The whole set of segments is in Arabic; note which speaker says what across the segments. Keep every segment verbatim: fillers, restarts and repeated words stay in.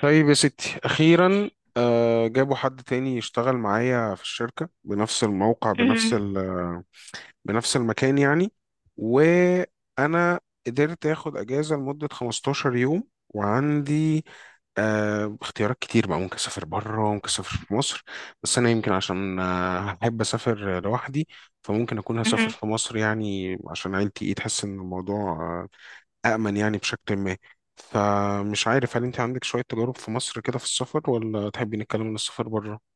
Speaker 1: طيب يا ستي أخيرا. آه، جابوا حد تاني يشتغل معايا في الشركة بنفس الموقع بنفس
Speaker 2: مهم.
Speaker 1: ال- بنفس المكان يعني. وأنا قدرت آخد أجازة لمدة خمستاشر يوم، وعندي آه، اختيارات كتير بقى، ممكن أسافر بره ممكن أسافر في مصر. بس أنا يمكن عشان آه، أحب أسافر لوحدي، فممكن أكون هسافر
Speaker 2: مهم.
Speaker 1: في مصر يعني عشان عيلتي إيه تحس إن الموضوع آه، أأمن يعني بشكل ما. فمش عارف هل أنت عندك شوية تجارب في مصر كده في السفر، ولا تحبي نتكلم عن السفر بره؟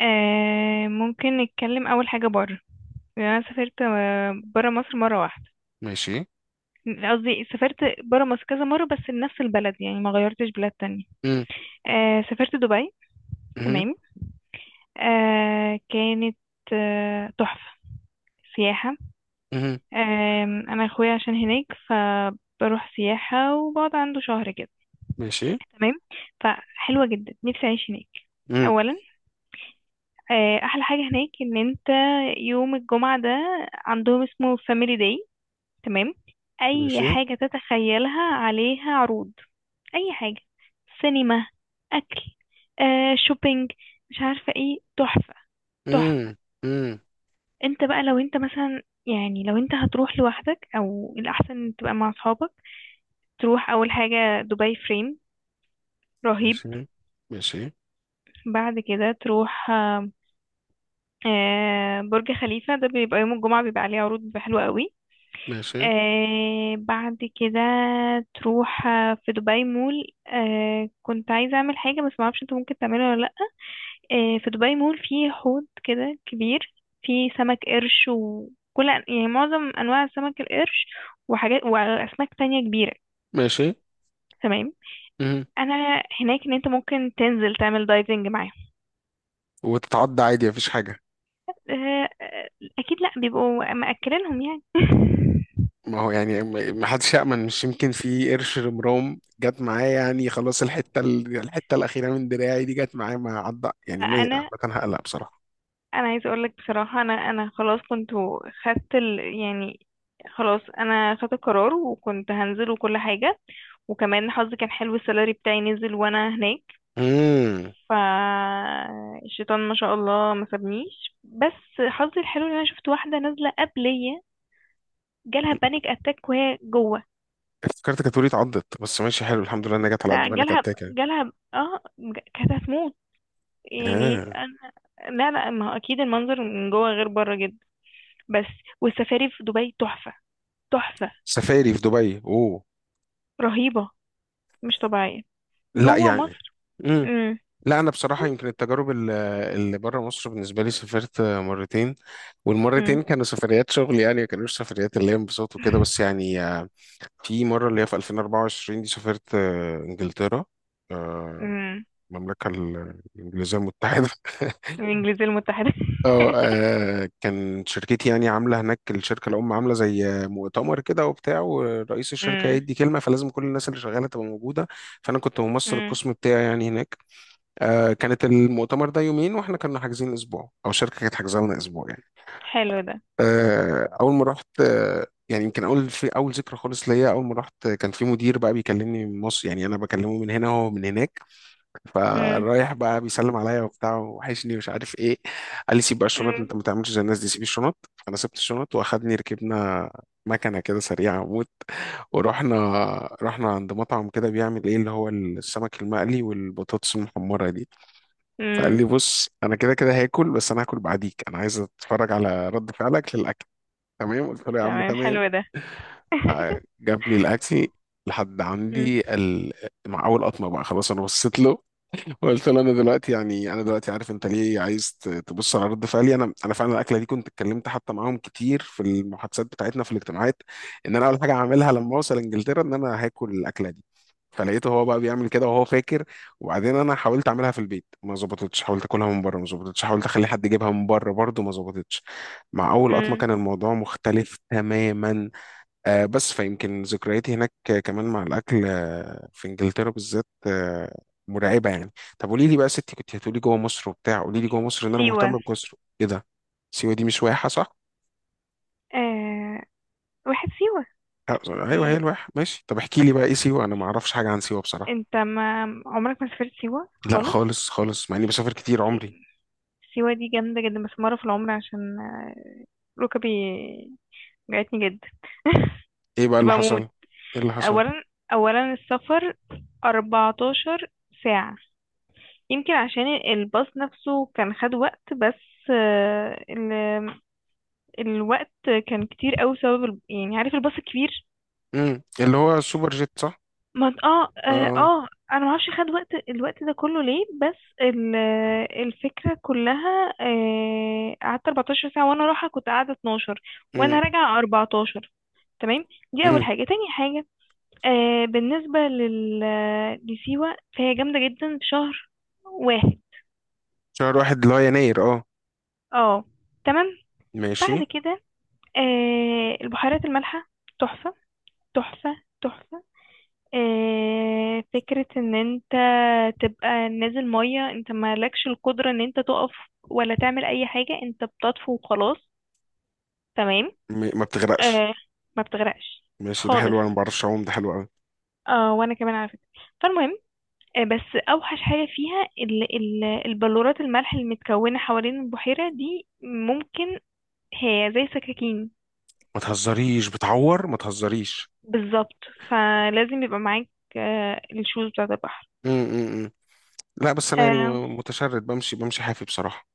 Speaker 2: آه ممكن نتكلم اول حاجه بره. يعني انا سافرت بره مصر مره واحده.
Speaker 1: ماشي.
Speaker 2: قصدي سافرت بره مصر كذا مره بس لنفس البلد، يعني ما غيرتش بلاد تانية.
Speaker 1: مم.
Speaker 2: آه سافرت دبي.
Speaker 1: مم.
Speaker 2: تمام. آه كانت آه، تحفه، سياحه.
Speaker 1: مم.
Speaker 2: آه انا اخويا عشان هناك، فبروح سياحه وبقعد عنده شهر كده.
Speaker 1: ماشي.
Speaker 2: تمام. فحلوه جدا، نفسي اعيش هناك.
Speaker 1: مم.
Speaker 2: اولا، آه، احلى حاجه هناك ان انت يوم الجمعه ده عندهم اسمه فاميلي داي. تمام. اي
Speaker 1: ماشي.
Speaker 2: حاجه تتخيلها عليها عروض. اي حاجه، سينما، اكل، آه، شوبينج. مش عارفه ايه، تحفه. تحفه.
Speaker 1: مم. مم.
Speaker 2: انت بقى لو انت مثلا، يعني لو انت هتروح لوحدك او الاحسن تبقى مع اصحابك، تروح اول حاجه دبي فريم. رهيب.
Speaker 1: ماشي. ماشي.
Speaker 2: بعد كده تروح آه، آه، برج خليفه ده بيبقى يوم الجمعه، بيبقى عليه عروض بيبقى حلوه قوي.
Speaker 1: ماشي.
Speaker 2: آه بعد كده تروح آه، في دبي مول. آه كنت عايزة أعمل حاجة بس معرفش انت ممكن تعملها ولا لأ. آه في دبي مول فيه حوض كده كبير، فيه سمك قرش وكل يعني معظم أنواع سمك القرش، وحاجات وأسماك تانية كبيرة.
Speaker 1: ماشي.
Speaker 2: تمام.
Speaker 1: مم.
Speaker 2: أنا هناك إن انت ممكن تنزل تعمل دايفنج معاهم.
Speaker 1: وتتعدى عادي مفيش حاجة؟
Speaker 2: آه آه، أكيد لأ، بيبقوا مأكلينهم يعني
Speaker 1: ما هو يعني ما ما حدش يأمن، مش يمكن في قرش رمرام جت معاه يعني خلاص، الحتة ال- الحتة الأخيرة من دراعي دي جت معاه ما عدى
Speaker 2: ما
Speaker 1: يعني ما.
Speaker 2: أنا
Speaker 1: عامة هقلق بصراحة.
Speaker 2: انا عايزه اقول لك بصراحه، انا انا خلاص كنت خدت ال... يعني خلاص انا خدت القرار وكنت هنزل وكل حاجه. وكمان حظي كان حلو، السالري بتاعي نزل وانا هناك.
Speaker 1: مم.
Speaker 2: ف الشيطان ما شاء الله ما سابنيش، بس حظي الحلو ان انا شفت واحده نازله قبليه، جالها بانيك اتاك وهي جوه.
Speaker 1: افتكرتك هتقولي اتعضت، بس ماشي حلو الحمد لله انها جت على قد
Speaker 2: لا
Speaker 1: ما انا
Speaker 2: جالها،
Speaker 1: كتاكه يعني.
Speaker 2: جالها اه ج- كانت هتموت. يعني
Speaker 1: آه.
Speaker 2: أنا... لا لا، ما هو اكيد المنظر من جوه غير بره جدا. بس والسفاري في دبي تحفه. تحفه.
Speaker 1: سفاري في دبي، اوه.
Speaker 2: رهيبة. مش طبيعية.
Speaker 1: لا
Speaker 2: جوه
Speaker 1: يعني.
Speaker 2: مصر.
Speaker 1: امم.
Speaker 2: امم.
Speaker 1: لا انا بصراحه يمكن التجارب ال- اللي بره مصر بالنسبه لي سافرت مرتين،
Speaker 2: امم.
Speaker 1: والمرتين كانوا سفريات شغل يعني ما كانوش سفريات اللي هي انبساط وكده. بس يعني آه، في مره اللي هي في ألفين وأربعة وعشرين دي سافرت آه، انجلترا، آه،
Speaker 2: امم.
Speaker 1: المملكه ال- الانجليزيه المتحده.
Speaker 2: الانجليزية المتحدة
Speaker 1: اه، آه، كان شركتي يعني عامله هناك، الشركه الام عامله زي مؤتمر كده وبتاع، ورئيس الشركه
Speaker 2: امم.
Speaker 1: هيدي كلمه، فلازم كل الناس اللي شغاله تبقى موجوده. فانا كنت ممثل
Speaker 2: امم.
Speaker 1: القسم بتاعي يعني هناك. آه كانت المؤتمر ده يومين، واحنا كنا حاجزين اسبوع، او الشركه كانت حاجزه لنا اسبوع يعني.
Speaker 2: حلو ده.
Speaker 1: آه اول ما رحت، آه يعني يمكن اول في اول ذكرى خالص ليا، اول ما رحت كان في مدير بقى بيكلمني من مصر يعني انا بكلمه من هنا وهو من هناك،
Speaker 2: امم.
Speaker 1: فرايح بقى بيسلم عليا وبتاع وحشني ومش عارف ايه. قال لي سيب بقى الشنط،
Speaker 2: امم.
Speaker 1: انت ما تعملش زي الناس دي، سيب الشنط. فانا سبت الشنط واخدني ركبنا مكنه كده سريعه موت، ورحنا. رحنا عند مطعم كده بيعمل ايه اللي هو السمك المقلي والبطاطس المحمره دي. فقال
Speaker 2: امم.
Speaker 1: لي بص انا كده كده هاكل، بس انا هاكل بعديك، انا عايز اتفرج على رد فعلك للاكل. تمام، قلت له يا عم
Speaker 2: تمام.
Speaker 1: تمام.
Speaker 2: حلو ده
Speaker 1: جاب لي الاكل لحد
Speaker 2: امم.
Speaker 1: عندي ال... مع اول قطمه بقى خلاص انا بصيت له، قلت له انا دلوقتي يعني انا دلوقتي عارف انت ليه عايز ت- تبص على رد فعلي، انا انا فعلا الاكله دي كنت اتكلمت حتى معاهم كتير في المحادثات بتاعتنا في الاجتماعات ان انا اول حاجه هعملها لما اوصل انجلترا ان انا هاكل الاكله دي. فلقيته هو بقى بيعمل كده وهو فاكر. وبعدين انا حاولت اعملها في البيت ما ظبطتش، حاولت اكلها من بره ما ظبطتش، حاولت اخلي حد يجيبها من بره برضه ما ظبطتش. مع اول قطمه
Speaker 2: امم.
Speaker 1: كان الموضوع مختلف تماما. آه، بس فيمكن ذكرياتي هناك آه، كمان مع الأكل آه، في إنجلترا بالذات، آه، مرعبة يعني. طب قولي لي بقى يا ستي، كنت هتقولي جوه مصر وبتاع، قولي لي جوه مصر، إن أنا
Speaker 2: سيوة.
Speaker 1: مهتم بجزر. إيه ده؟ سيوة دي مش واحة صح؟
Speaker 2: آه واحد سيوة.
Speaker 1: آه، أيوه هي
Speaker 2: إيه.
Speaker 1: الواحة. ماشي طب احكي لي بقى إيه سيوة، أنا ما أعرفش حاجة عن سيوة بصراحة.
Speaker 2: انت ما عمرك ما سافرت سيوة
Speaker 1: لا
Speaker 2: خالص؟
Speaker 1: خالص خالص، مع إني بسافر كتير عمري.
Speaker 2: سي... سيوة دي جامدة جدا بس مرة في العمر، عشان آه، ركبي وجعتني جدا،
Speaker 1: إيه بقى
Speaker 2: كنت
Speaker 1: اللي
Speaker 2: بموت.
Speaker 1: حصل؟ إيه اللي حصل؟
Speaker 2: اولا، اولا السفر 14 ساعة، يمكن عشان الباص نفسه كان خد وقت، بس آه، ال... الوقت كان كتير قوي بسبب ال... يعني عارف الباص الكبير؟
Speaker 1: امم، اللي هو السوبر جيت صح؟
Speaker 2: ما انت- اه اه
Speaker 1: آه.
Speaker 2: آه، انا ما اعرفش خد وقت الوقت ده كله ليه، بس ال... الفكرة كلها، آه، قعدت 14 ساعة وانا رايحة، كنت قاعدة اتناشر
Speaker 1: امم.
Speaker 2: وانا راجعة اربعتاشر. تمام. دي اول
Speaker 1: امم.
Speaker 2: حاجة. تاني حاجة، آه بالنسبة لل... لسيوة، فهي جامدة جدا في شهر واحد.
Speaker 1: شهر واحد اللي هو يناير أه.
Speaker 2: اه. تمام.
Speaker 1: ماشي.
Speaker 2: بعد كده آه البحيرات المالحة، تحفة، تحفة تحفة. آه فكرة ان انت تبقى نازل مية، انت مالكش القدرة ان انت تقف ولا تعمل اي حاجة، انت بتطفو وخلاص. تمام.
Speaker 1: م- ما بتغرقش؟
Speaker 2: آه. ما بتغرقش
Speaker 1: ماشي ده
Speaker 2: خالص.
Speaker 1: حلو، أنا ما بعرفش أعوم، ده حلو أوي.
Speaker 2: اه، وانا كمان على فكرة. فالمهم، آه، بس اوحش حاجه فيها ال ال البلورات الملح المتكونه حوالين البحيره دي، ممكن هي زي سكاكين.
Speaker 1: ما تهزريش بتعور، ما تهزريش.
Speaker 2: بالظبط. فلازم يبقى معاك آه، الشوز بتاعه البحر.
Speaker 1: امم. لا بس انا يعني
Speaker 2: آه.
Speaker 1: متشرد، بمشي بمشي حافي بصراحه.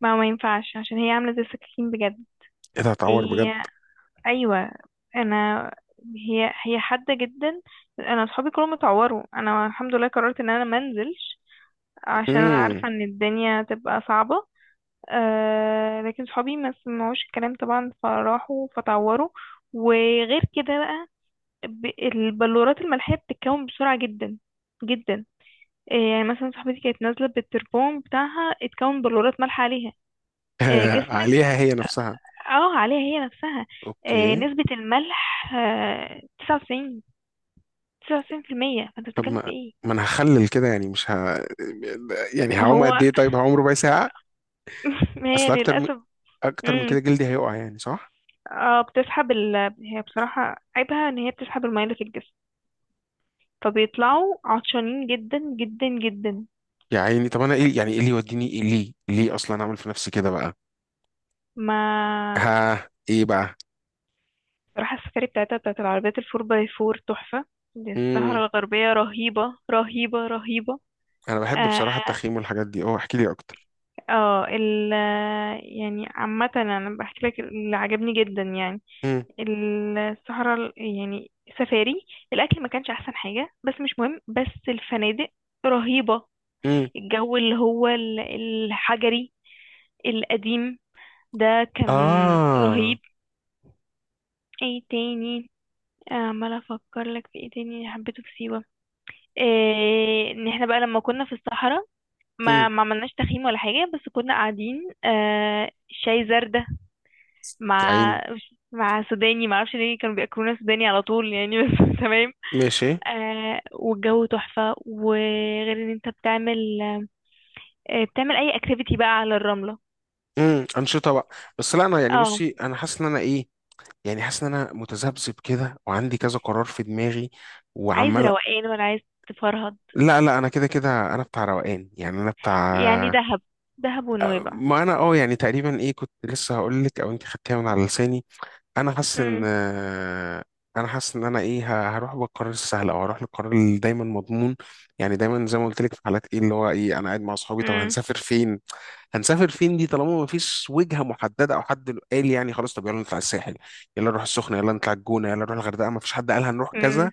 Speaker 2: ما ما ينفعش، عشان هي عامله زي السكاكين بجد.
Speaker 1: ايه ده هتعور بجد.
Speaker 2: هي ايوه. انا هي هي حاده جدا. انا اصحابي كلهم اتعوروا، انا الحمد لله قررت ان انا ما انزلش، عشان انا
Speaker 1: امم.
Speaker 2: عارفه ان الدنيا تبقى صعبه. آه لكن صحابي ما سمعوش الكلام طبعا، فراحوا فتعوروا. وغير كده بقى، ب- البلورات الملحية بتتكون بسرعة جدا جدا. آه يعني مثلا صاحبتي كانت نازلة بالتربون بتاعها، اتكون بلورات ملح عليها. آه جسمك.
Speaker 1: عليها هي نفسها.
Speaker 2: اه، عليها هي نفسها. آه،
Speaker 1: اوكي.
Speaker 2: نسبة الملح، آه تسعة وتسعين، تسعة وتسعين في المية، فانت
Speaker 1: طب
Speaker 2: بتتكلم
Speaker 1: ما،
Speaker 2: في ايه.
Speaker 1: ما انا هخلل كده يعني مش ه... يعني
Speaker 2: ما
Speaker 1: هعوم قد
Speaker 2: هو
Speaker 1: ايه؟ طيب هعوم ربع ساعه.
Speaker 2: ما هي
Speaker 1: اصل اكتر من...
Speaker 2: للأسف.
Speaker 1: اكتر من كده
Speaker 2: مم،
Speaker 1: جلدي هيقع يعني صح.
Speaker 2: اه، بتسحب ال... هي بصراحة عيبها ان هي بتسحب المية اللي في الجسم، فبيطلعوا عطشانين جدا جدا جدا.
Speaker 1: يا عيني طب انا ايه يعني، ايه اللي يوديني، ايه ليه ليه اصلا اعمل في نفسي كده بقى؟
Speaker 2: ما
Speaker 1: ها ايه بقى؟
Speaker 2: راح السفاري بتاعتها بتاعت العربيات الفور باي فور تحفة. دي الصحراء
Speaker 1: امم.
Speaker 2: الغربية رهيبة، رهيبة رهيبة.
Speaker 1: انا بحب
Speaker 2: اه،
Speaker 1: بصراحه التخييم والحاجات دي، اه احكي لي اكتر.
Speaker 2: آه، ال يعني عامة انا بحكي لك اللي عجبني جدا يعني.
Speaker 1: امم.
Speaker 2: الصحراء ال- يعني سفاري. الاكل ما كانش احسن حاجة بس مش مهم، بس الفنادق رهيبة.
Speaker 1: امم.
Speaker 2: الجو اللي هو ال- الحجري القديم ده كان
Speaker 1: اه.
Speaker 2: رهيب. ايه تاني، عمال افكر لك في ايه تاني اللي حبيته في سيوة. إيه ان احنا بقى لما كنا في الصحراء، ما ما عملناش تخييم ولا حاجة بس كنا قاعدين آه شاي زردة
Speaker 1: يا عيني.
Speaker 2: مع مع سوداني، ما اعرفش ليه كانوا بياكلونا سوداني على طول يعني بس تمام.
Speaker 1: ماشي.
Speaker 2: آه، والجو تحفة. وغير ان انت بتعمل آه بتعمل اي اكتيفيتي بقى على الرملة.
Speaker 1: امم. انشطه بقى. بس لا انا يعني
Speaker 2: اه.
Speaker 1: بصي، انا حاسس ان انا ايه، يعني حاسس ان انا متذبذب كده وعندي كذا قرار في دماغي،
Speaker 2: عايز
Speaker 1: وعمال.
Speaker 2: روقان ولا عايز تفرهد؟
Speaker 1: لا لا انا كده كده انا بتاع روقان يعني انا
Speaker 2: يعني
Speaker 1: بتاع.
Speaker 2: دهب، دهب ونويبع.
Speaker 1: ما انا اه يعني تقريبا ايه كنت لسه هقول لك، او انت خدتيها من على لساني. انا حاسس ان،
Speaker 2: امم.
Speaker 1: انا حاسس ان انا ايه ه- هروح بالقرار السهل او هروح للقرار اللي دايما مضمون. يعني دايما زي ما قلت لك في حالات ايه اللي هو ايه، انا قاعد مع اصحابي طب هنسافر فين؟ هنسافر فين دي طالما مفيش وجهه محدده او حد قال يعني خلاص، طب يلا نطلع الساحل، يلا نروح السخنه، يلا نطلع الجونه، يلا نروح الغردقه، مفيش حد قال هنروح كذا.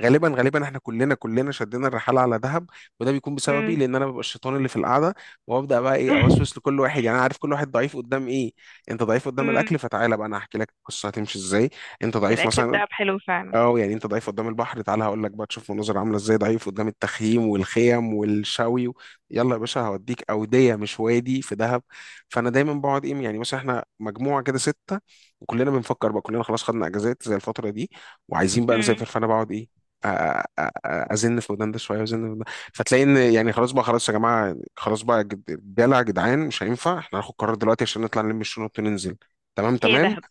Speaker 1: غالبا غالبا احنا كلنا كلنا شدينا الرحاله على دهب. وده بيكون بسببي،
Speaker 2: امم.
Speaker 1: لان انا ببقى الشيطان اللي في القعده، وابدا بقى ايه اوسوس لكل واحد. يعني انا عارف كل واحد ضعيف قدام ايه. انت ضعيف قدام
Speaker 2: مم.
Speaker 1: الاكل، فتعالى بقى انا هحكي لك القصه هتمشي ازاي. انت ضعيف
Speaker 2: الأكل
Speaker 1: مثلا.
Speaker 2: بتاعها حلو فعلا.
Speaker 1: اه يعني انت ضعيف قدام البحر، تعالى هقول لك بقى تشوف مناظر عامله ازاي، ضعيف قدام التخييم والخيم والشوي و... يلا يا باشا هوديك اوديه مش وادي في دهب. فانا دايما بقعد ايه يعني، مثلا احنا مجموعه كده سته، وكلنا بنفكر بقى كلنا خلاص خدنا اجازات زي الفتره دي، وعايزين بقى
Speaker 2: مم.
Speaker 1: نسافر، فانا بقعد ايه. أ- أ- أ- ازن في ودان ده شويه وازن في ودان ده. فتلاقي ان يعني خلاص بقى خلاص يا جماعه خلاص بقى جد- رجاله يا جدعان مش هينفع احنا هناخد قرار دلوقتي عشان نطلع نلم الشنط وننزل. تمام
Speaker 2: هي
Speaker 1: تمام.
Speaker 2: دهب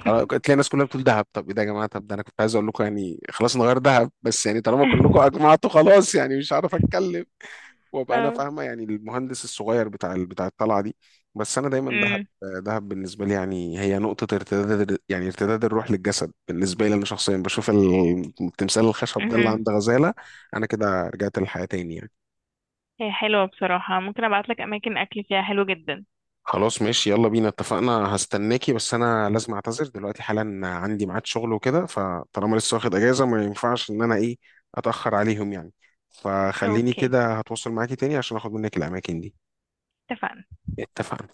Speaker 1: خلاص تلاقي الناس كلها بتقول دهب. طب ايه ده يا جماعه؟ طب ده انا كنت عايز اقول لكم يعني، خلاص نغير دهب، بس يعني طالما كلكم اجمعتوا خلاص يعني مش عارف اتكلم. وابقى انا
Speaker 2: اه.
Speaker 1: فاهمه يعني المهندس الصغير بتاع ال- بتاع الطلعه دي. بس انا دايما دهب.
Speaker 2: مم.
Speaker 1: دهب بالنسبه لي يعني هي نقطه ارتداد، يعني ارتداد الروح للجسد، بالنسبه لي انا شخصيا بشوف ال- التمثال الخشب ده اللي
Speaker 2: مهم.
Speaker 1: عند غزاله، انا كده رجعت للحياه تاني يعني.
Speaker 2: هي حلوة بصراحة، ممكن أبعتلك أماكن أكل فيها حلو جدا.
Speaker 1: خلاص ماشي يلا بينا اتفقنا، هستناكي. بس انا لازم اعتذر دلوقتي حالا، عندي ميعاد شغل وكده، فطالما لسه واخد اجازة ما ينفعش ان انا ايه اتأخر عليهم يعني. فخليني
Speaker 2: أوكي.
Speaker 1: كده هتواصل معاكي تاني عشان اخد منك الاماكن دي.
Speaker 2: اتفقنا.
Speaker 1: اتفقنا.